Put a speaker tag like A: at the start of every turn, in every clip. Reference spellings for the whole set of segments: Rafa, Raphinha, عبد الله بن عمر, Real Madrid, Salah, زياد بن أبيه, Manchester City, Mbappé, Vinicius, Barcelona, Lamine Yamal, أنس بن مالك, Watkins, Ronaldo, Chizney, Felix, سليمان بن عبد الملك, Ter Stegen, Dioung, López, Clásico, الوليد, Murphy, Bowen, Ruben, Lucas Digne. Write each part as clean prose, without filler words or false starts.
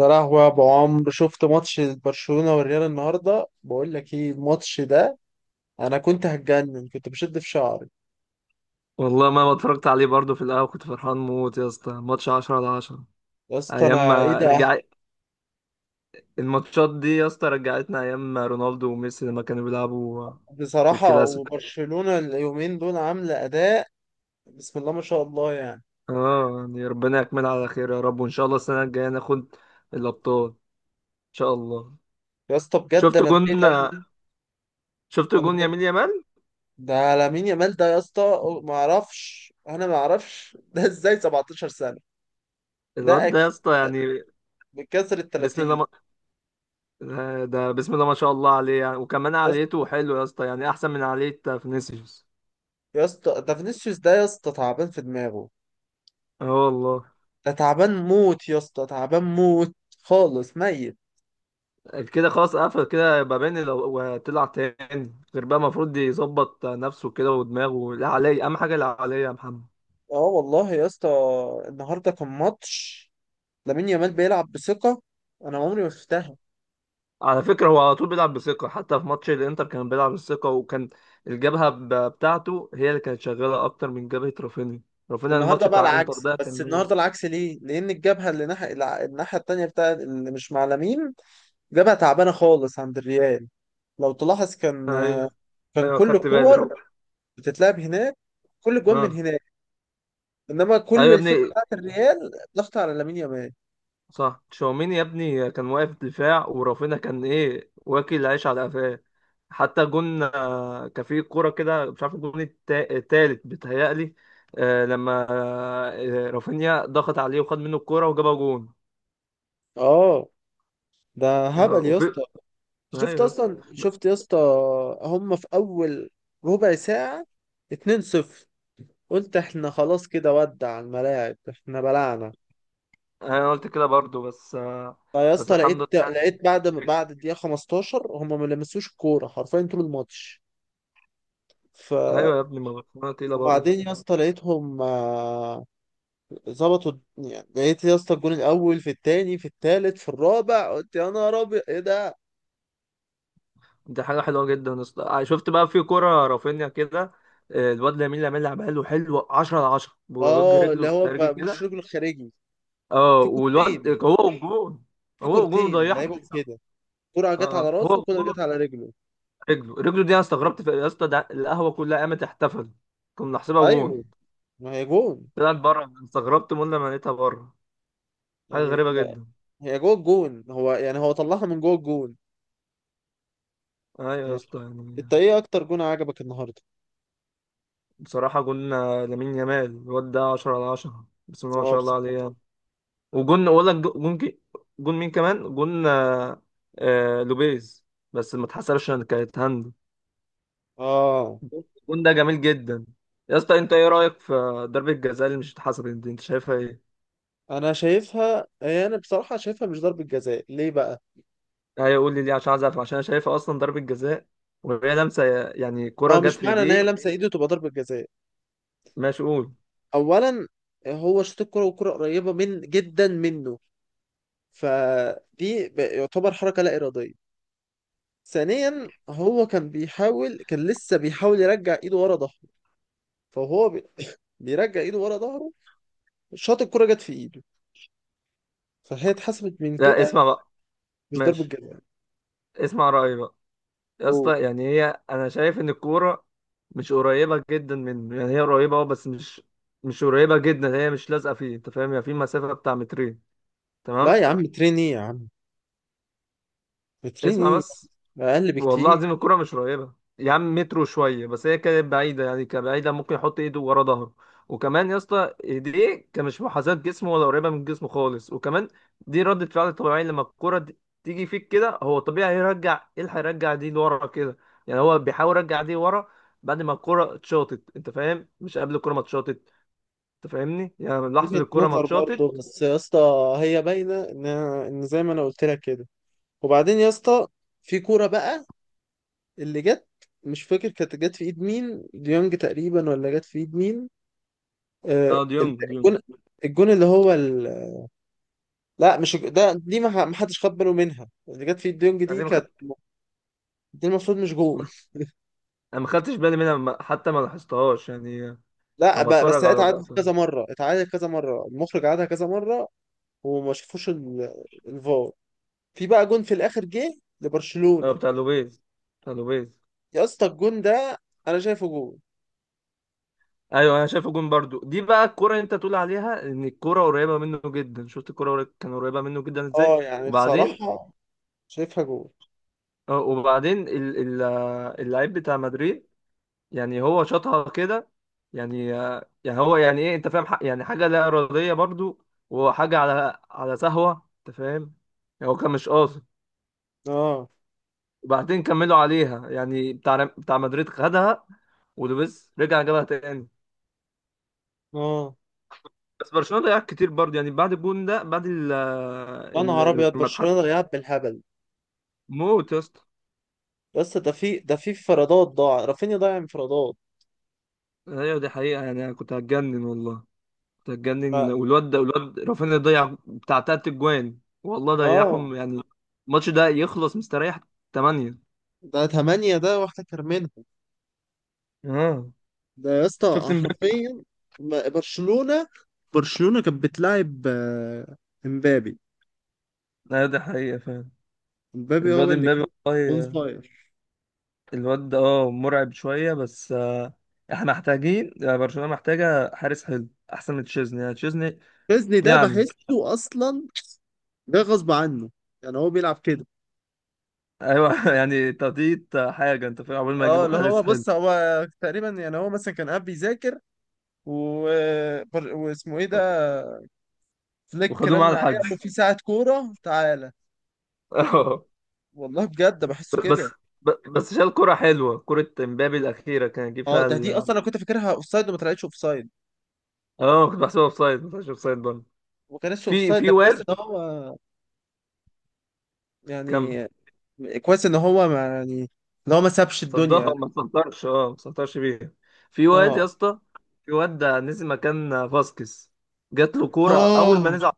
A: يا لهوي، يا ابو عمرو، شفت ماتش برشلونة والريال النهارده؟ بقول لك ايه الماتش ده. انا كنت هتجنن، كنت بشد في شعري.
B: والله، ما اتفرجت عليه، برضه في القهوة كنت فرحان موت يا اسطى، ماتش 10 على 10.
A: يا اسطى،
B: ايام
A: انا ايه
B: ما
A: ده!
B: رجع. الماتشات دي يا اسطى رجعتنا ايام ما رونالدو وميسي لما كانوا بيلعبوا في
A: بصراحة
B: الكلاسيكو.
A: وبرشلونة اليومين دول عاملة اداء. بسم الله ما شاء الله يعني.
B: اه، يعني ربنا يكملها على خير يا رب، وان شاء الله السنة الجاية ناخد الابطال ان شاء الله.
A: يا اسطى بجد
B: شفت
A: انا
B: جون
A: اتضايقت أوي.
B: شفت
A: انا
B: جون
A: اتضايقت.
B: يمين يامال.
A: ده لامين يامال ده يا اسطى. ما اعرفش، انا ما اعرفش ده ازاي 17 سنة.
B: الواد
A: ده
B: ده يا
A: اكيد
B: اسطى يعني
A: بكسر ال
B: بسم الله
A: 30.
B: ما... ده بسم الله ما شاء الله عليه يعني، وكمان
A: يا اسطى
B: عاليته حلو يا اسطى، يعني احسن من عالية فينيسيوس.
A: يا اسطى ده فينيسيوس، ده يا اسطى تعبان في دماغه.
B: اه والله.
A: ده تعبان موت يا اسطى، تعبان موت. خالص ميت.
B: كده خلاص، قفل كده، يبقى بين لو وطلع تاني غير بقى. المفروض يظبط نفسه كده، ودماغه لا عليه، اهم حاجه لا عليه يا محمد.
A: اه والله يا اسطى. النهارده كان ماتش. لامين يامال بيلعب بثقة. انا عمري ما شفتها.
B: على فكره، هو على طول بيلعب بثقه، حتى في ماتش الانتر كان بيلعب بثقه، وكان الجبهه بتاعته هي اللي كانت شغاله اكتر من جبهه رافينيا. رافينيا
A: النهارده
B: الماتش
A: بقى
B: بتاع انتر
A: العكس،
B: ده
A: بس
B: كان ميت.
A: النهارده العكس ليه؟ لان الجبهة اللي ناحية الناحية التانية بتاع اللي مش مع لامين، جبهة تعبانة خالص عند الريال. لو تلاحظ، كان
B: ايوه،
A: كان
B: ايوه،
A: كل
B: خدت بالي رو.
A: الكور بتتلعب هناك، كل الجوان من
B: اه.
A: هناك. انما
B: ايوه
A: كل
B: يا
A: الفرقة
B: ابني.
A: بتاعت الريال ضغط على لامين يامال.
B: صح، تشاوميني يا ابني كان واقف دفاع، ورافينا كان ايه، واكل عيش على قفاه. حتى جون، كان في كوره كده مش عارف، الجون التالت بيتهيألي. لما رافينيا ضغط عليه وخد منه الكوره وجابها جون.
A: اه ده
B: آه،
A: هبل يا
B: وفي
A: اسطى.
B: ايوه
A: شفت
B: يا اسطى.
A: اصلا، شفت يا اسطى؟ هم في اول ربع ساعة 2-0. قلت احنا خلاص كده، ودع الملاعب، احنا بلعنا.
B: انا قلت كده برضو بس
A: فيا
B: بس
A: اسطى،
B: الحمد لله
A: لقيت
B: يعني.
A: لقيت بعد الدقيقة 15 هم ما لمسوش الكورة حرفيا طول الماتش. ف
B: ايوه يا ابني، ما برشلونه تقيله برضو.
A: وبعدين يا اسطى لقيتهم، يعني لقيت يا اسطى الجون الاول، في التاني، في التالت، في الرابع، قلت يا نهار ابيض، ايه ده!
B: دي حاجة حلوة جدا شفت بقى في كرة رافينيا كده. الواد لامين يامال عمله حلو، 10 على 10، بوجه
A: اه، اللي
B: رجله
A: هو
B: خارجي
A: بقى بوش
B: كده.
A: رجله الخارجي.
B: اه
A: في
B: والواد
A: كورتين
B: هو والجون.
A: في
B: هو والجون
A: كورتين
B: ضيعها في
A: لعيبهم
B: السما.
A: كده. كرة
B: اه،
A: جت على
B: هو
A: راسه، وكرة جت
B: والجون.
A: على رجله.
B: رجله، رجله دي، انا استغربت في يا اسطى، ده القهوة كلها قامت احتفلت. كنا نحسبها جون.
A: ايوه، ما هي جون!
B: طلعت بره، استغربت من لما لقيتها بره. حاجة
A: يعني
B: غريبة
A: لا،
B: جدا.
A: هي جوه الجون، هو يعني هو طلعها من جوه الجون
B: ايوه يا
A: يعني.
B: اسطى
A: انت
B: يعني.
A: ايه اكتر جون عجبك النهارده؟
B: بصراحة جون لامين يامال الواد ده 10 على 10، بسم الله ما
A: اه
B: شاء الله
A: بصراحة.
B: عليه يعني. وجون ولا جون جون مين كمان جون. لوبيز. بس ما اتحسبش ان كانت هاند.
A: اه
B: الجون ده جميل جدا. يا اسطى، انت ايه رايك في ضربه الجزاء اللي مش اتحسبت دي، انت شايفها ايه؟
A: انا شايفها، هي انا بصراحة شايفها مش ضربة جزاء. ليه بقى؟
B: ايوه قول لي ليه، عشان عايز اعرف، عشان انا شايفها اصلا ضربه جزاء. وهي لمسه، يعني كره
A: اه، مش
B: جت في
A: معنى ان
B: ايديه.
A: هي لمسة ايده تبقى ضربة جزاء.
B: ماشي قول.
A: اولا، هو شاط الكرة والكرة قريبة من جدا منه، فدي يعتبر حركة لا إرادية. ثانيا، هو كان بيحاول، كان لسه بيحاول يرجع ايده ورا ظهره. فهو بيرجع ايده ورا ظهره. شاط الكرة، جت في ايده، فهي اتحسبت من
B: لا،
A: كده.
B: اسمع بقى.
A: مش ضربة
B: ماشي.
A: جزاء.
B: اسمع رايي بقى. يا
A: أوه.
B: اسطى يعني هي، انا شايف ان الكوره مش قريبه جدا منه، يعني هي قريبه اه، بس مش قريبه جدا، هي مش لازقه فيه، انت فاهم يعني في مسافه بتاع مترين. تمام.
A: لا يا عم، ترين ايه يا عم، ترين
B: اسمع
A: ايه!
B: بس.
A: اقل
B: والله
A: بكتير.
B: العظيم الكرة مش قريبة. يا عم مترو شوية بس، هي كانت بعيدة يعني، كبعيدة ممكن يحط ايده ورا ظهره. وكمان يا اسطى ايديه كان مش محاذاة جسمه ولا قريبة من جسمه خالص. وكمان دي ردة فعل طبيعية، لما الكرة دي تيجي فيك كده، هو طبيعي هيرجع ايه، اللي هيرجع دي لورا كده. يعني هو بيحاول يرجع دي ورا بعد ما الكرة اتشاطت، انت فاهم، مش قبل الكرة ما اتشاطت. انت فاهمني، يعني من لحظة
A: وجهة
B: الكرة ما
A: نظر
B: اتشاطت.
A: برضه بس يا اسطى، هي باينة ان زي ما انا قلت لك كده. وبعدين يا اسطى، في كورة بقى اللي جت، مش فاكر كانت جت في ايد مين، ديونج تقريبا، ولا جت في ايد مين؟
B: اه،
A: آه
B: ديونج ديونج.
A: الجون، الجون اللي هو لا، مش الج- دي ما حدش خد باله منها، اللي جت في ايد ديونج دي
B: انا ما
A: كانت،
B: خدت
A: دي المفروض مش جون.
B: ما- انا ما خدتش بالي منها، حتى ما لاحظتهاش يعني.
A: لا
B: انا
A: بس
B: بتفرج
A: هي
B: على
A: اتعادت
B: اللقطة.
A: كذا مرة، اتعادت كذا مرة، المخرج عادها كذا مرة، وما شافوش الفار. في بقى جون في الآخر جه
B: اه،
A: لبرشلونة.
B: بتاع لوبيز، بتاع لوبيز.
A: يا اسطى الجون ده أنا شايفه جون.
B: ايوه انا شايفه جون برضو. دي بقى الكرة اللي انت تقول عليها ان الكرة قريبة منه جدا، شفت الكرة كان قريبة منه جدا ازاي.
A: اه يعني
B: وبعدين.
A: بصراحة شايفها جون.
B: اه وبعدين اللعيب بتاع مدريد، يعني هو شاطها كده. يعني يعني هو يعني ايه، انت فاهم، يعني حاجة لا إرادية برضو، وحاجة على سهوة انت فاهم. يعني هو كان مش قاصد.
A: اه،
B: وبعدين كملوا عليها، يعني بتاع مدريد خدها، ولوبيز رجع جابها تاني.
A: اه.
B: بس برشلونه ضيع كتير برضه يعني، بعد الجون ده، بعد
A: يا نهار أبيض،
B: لما اتحسن.
A: برشلونة ضيعت بالهبل.
B: موت يا اسطى.
A: يا اسطى ده في انفرادات، ضاع، رافينيا ضيع انفرادات.
B: ايوه دي حقيقه يعني، انا كنت هتجنن والله. كنت هتجنن،
A: ف-
B: والواد ده، والواد رافينيا ضيع بتاع 3 اجوان، والله
A: اه.
B: ضيعهم يعني. الماتش ده يخلص مستريح 8.
A: ده تمانية، ده واحدة كرمنها.
B: اه،
A: ده يا
B: شفت
A: اسطى
B: امبابي.
A: حرفيا. ما- برشلونة برشلونة كانت بتلاعب، امبابي.
B: ايوه دي حقيقه فعلا.
A: مبابي
B: الواد
A: هو اللي كان
B: امبابي.
A: اون
B: والله.
A: فاير.
B: الواد ده اه مرعب شويه بس. احنا محتاجين، برشلونه محتاجه حارس حلو، احسن من تشيزني يعني، تشيزني
A: تشيزني ده
B: يعني.
A: بحسه اصلا ده غصب عنه، يعني هو بيلعب كده.
B: ايوه يعني تقطيط حاجه، انت فاهم، عقبال ما
A: اه،
B: يجيبوا
A: اللي هو
B: حارس حلو.
A: بص، هو تقريبا يعني هو مثلا كان قاعد بيذاكر و... واسمه ايه ده، فليك،
B: وخدوه معاه
A: رن عليه قال له
B: الحجز.
A: في ساعة كورة تعالى.
B: اه.
A: والله بجد بحسه
B: بس
A: كده.
B: بس شال كرة حلوة، كرة امبابي الأخيرة كان يجيب
A: اه
B: فيها
A: ده، دي
B: ال.
A: اصلا انا كنت فاكرها اوفسايد وما طلعتش اوفسايد،
B: اه، كنت بحسبها اوفسايد، ما طلعش اوفسايد برضه.
A: وما كانتش
B: في
A: اوفسايد،
B: في
A: ده كويس
B: واد.
A: ان هو
B: كمل.
A: يعني، كويس ان هو ما يعني، ان هو ما سابش الدنيا يعني.
B: صدها ما سنطرش، اه ما سنطرش بيها. في واد يا
A: اه،
B: اسطى، في واد ده نزل مكان فاسكيز. جات له كورة أول ما
A: اه.
B: نزل،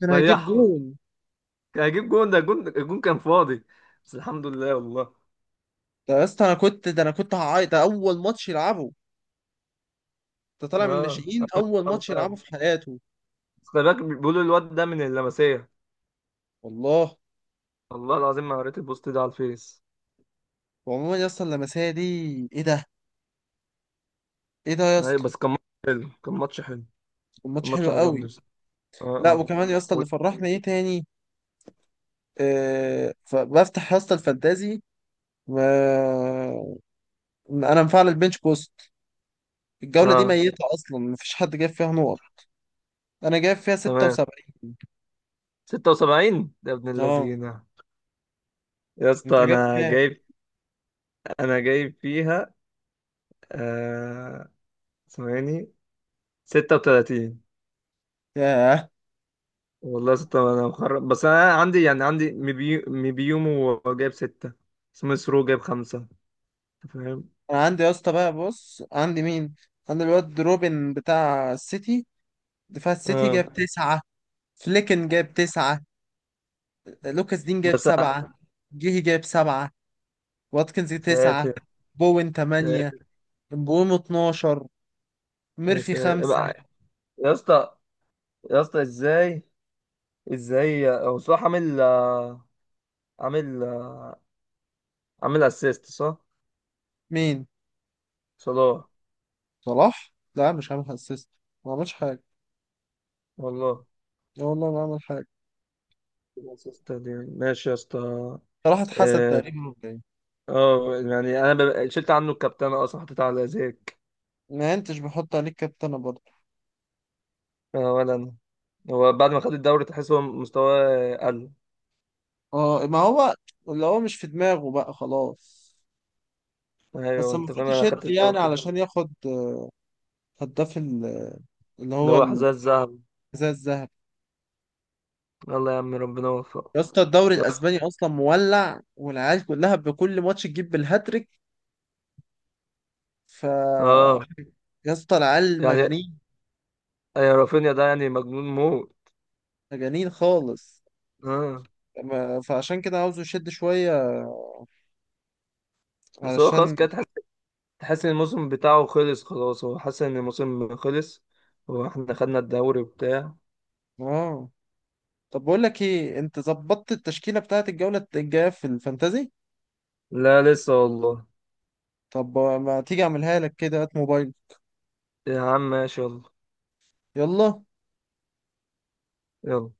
A: كان هيجيب
B: ضيعها.
A: جول.
B: كان هيجيب جون، ده جون الجون كان فاضي. بس الحمد لله والله.
A: ده يا اسطى انا كنت، ده انا كنت هعيط، ده اول ماتش يلعبه. ده طالع من
B: اه،
A: الناشئين،
B: آه،
A: اول
B: آه،
A: ماتش
B: آه.
A: يلعبه في حياته.
B: بس خلي بالك، بيقولوا الواد ده من اللمسية.
A: والله.
B: والله العظيم، ما قريت البوست ده على الفيس.
A: وعموما يا اسطى اللمسيه دي، ايه ده، ايه ده يا
B: أيوة،
A: اسطى!
B: بس كان ماتش حلو.
A: الماتش
B: الماتش
A: حلو
B: عجبني
A: قوي.
B: بس. اه،
A: لا
B: اه.
A: وكمان يا اسطى،
B: و...
A: اللي فرحنا ايه تاني، فبفتح يا اسطى الفانتازي. و... انا مفعل البنش بوست، الجوله دي
B: اه.
A: ميته اصلا، مفيش حد جاب فيها نقط. انا جايب فيها
B: تمام.
A: 76.
B: 76 ده ابن
A: اه،
B: اللذينة. يا
A: انت
B: اسطى
A: جايب
B: انا
A: كام؟
B: جايب. انا جايب فيها آه... ثواني، 36.
A: ياه.
B: والله 6، انا مخرب، بس انا عندي يعني عندي مبيومو جايب 6. سميث رو جايب 5. أنت فاهم.
A: انا عندي يا اسطى بقى، بص عندي مين. عندي الواد روبن بتاع السيتي، فالسيتي
B: اه
A: جاب تسعة. فليكن جاب تسعة. لوكاس دين جاب
B: بس أنا-
A: سبعة. جيهي جاب سبعة. واتكنز تسعة.
B: ساتر،
A: بوين
B: ساتر.
A: تمانية. بوم 12.
B: يا
A: ميرفي
B: ساتر.
A: خمسة.
B: يا اسطى. يا اسطى ازاي ازاي هو صلاح عامل آه، عامل اسيست، صح؟
A: مين؟
B: صلاح.
A: صلاح؟ لا مش عامل اسيست. ما عملش حاجة.
B: والله.
A: لا والله ما عمل حاجة.
B: اسيست دي. ماشي يا اسطى.
A: صلاح اتحسد
B: اه،
A: تقريبا، ولا ايه؟
B: يعني انا شلت عنه الكابتنه اصلا، حطيت على زيك.
A: ما انتش بحط عليك كابتنة برضه.
B: اه ولا انا. هو بعد ما خد الدوري تحس هو مستواه قل.
A: اه ما هو، اللي هو مش في دماغه بقى، خلاص. بس
B: ايوه انت فاهم،
A: المفروض
B: انا خدت
A: يشد،
B: الدوري
A: يعني
B: خلاص.
A: علشان ياخد هداف ال- اللي
B: اللي
A: هو
B: هو
A: الحذاء
B: حذاء الذهب.
A: الذهبي.
B: يلا يا عم، ربنا يوفقه.
A: يا اسطى الدوري الاسباني اصلا مولع، والعيال كلها بكل ماتش تجيب بالهاتريك. ف
B: اه
A: يا اسطى العيال
B: يعني.
A: مجانين.
B: يا رافينيا ده يعني مجنون موت.
A: مجانين خالص.
B: اه.
A: فعشان كده عاوزه يشد شويه.
B: بس هو خلاص
A: علشان
B: كده، تحس ان الموسم بتاعه خلص خلاص، هو حاسس ان الموسم خلص. هو احنا خدنا الدوري وبتاع.
A: اه. طب بقول لك ايه، انت ظبطت التشكيله بتاعت الجوله الجايه في الفانتازي؟
B: لا لسه والله.
A: طب ما تيجي اعملها لك كده، هات موبايل.
B: يا عم ماشي يلا.
A: يلا.
B: يلا.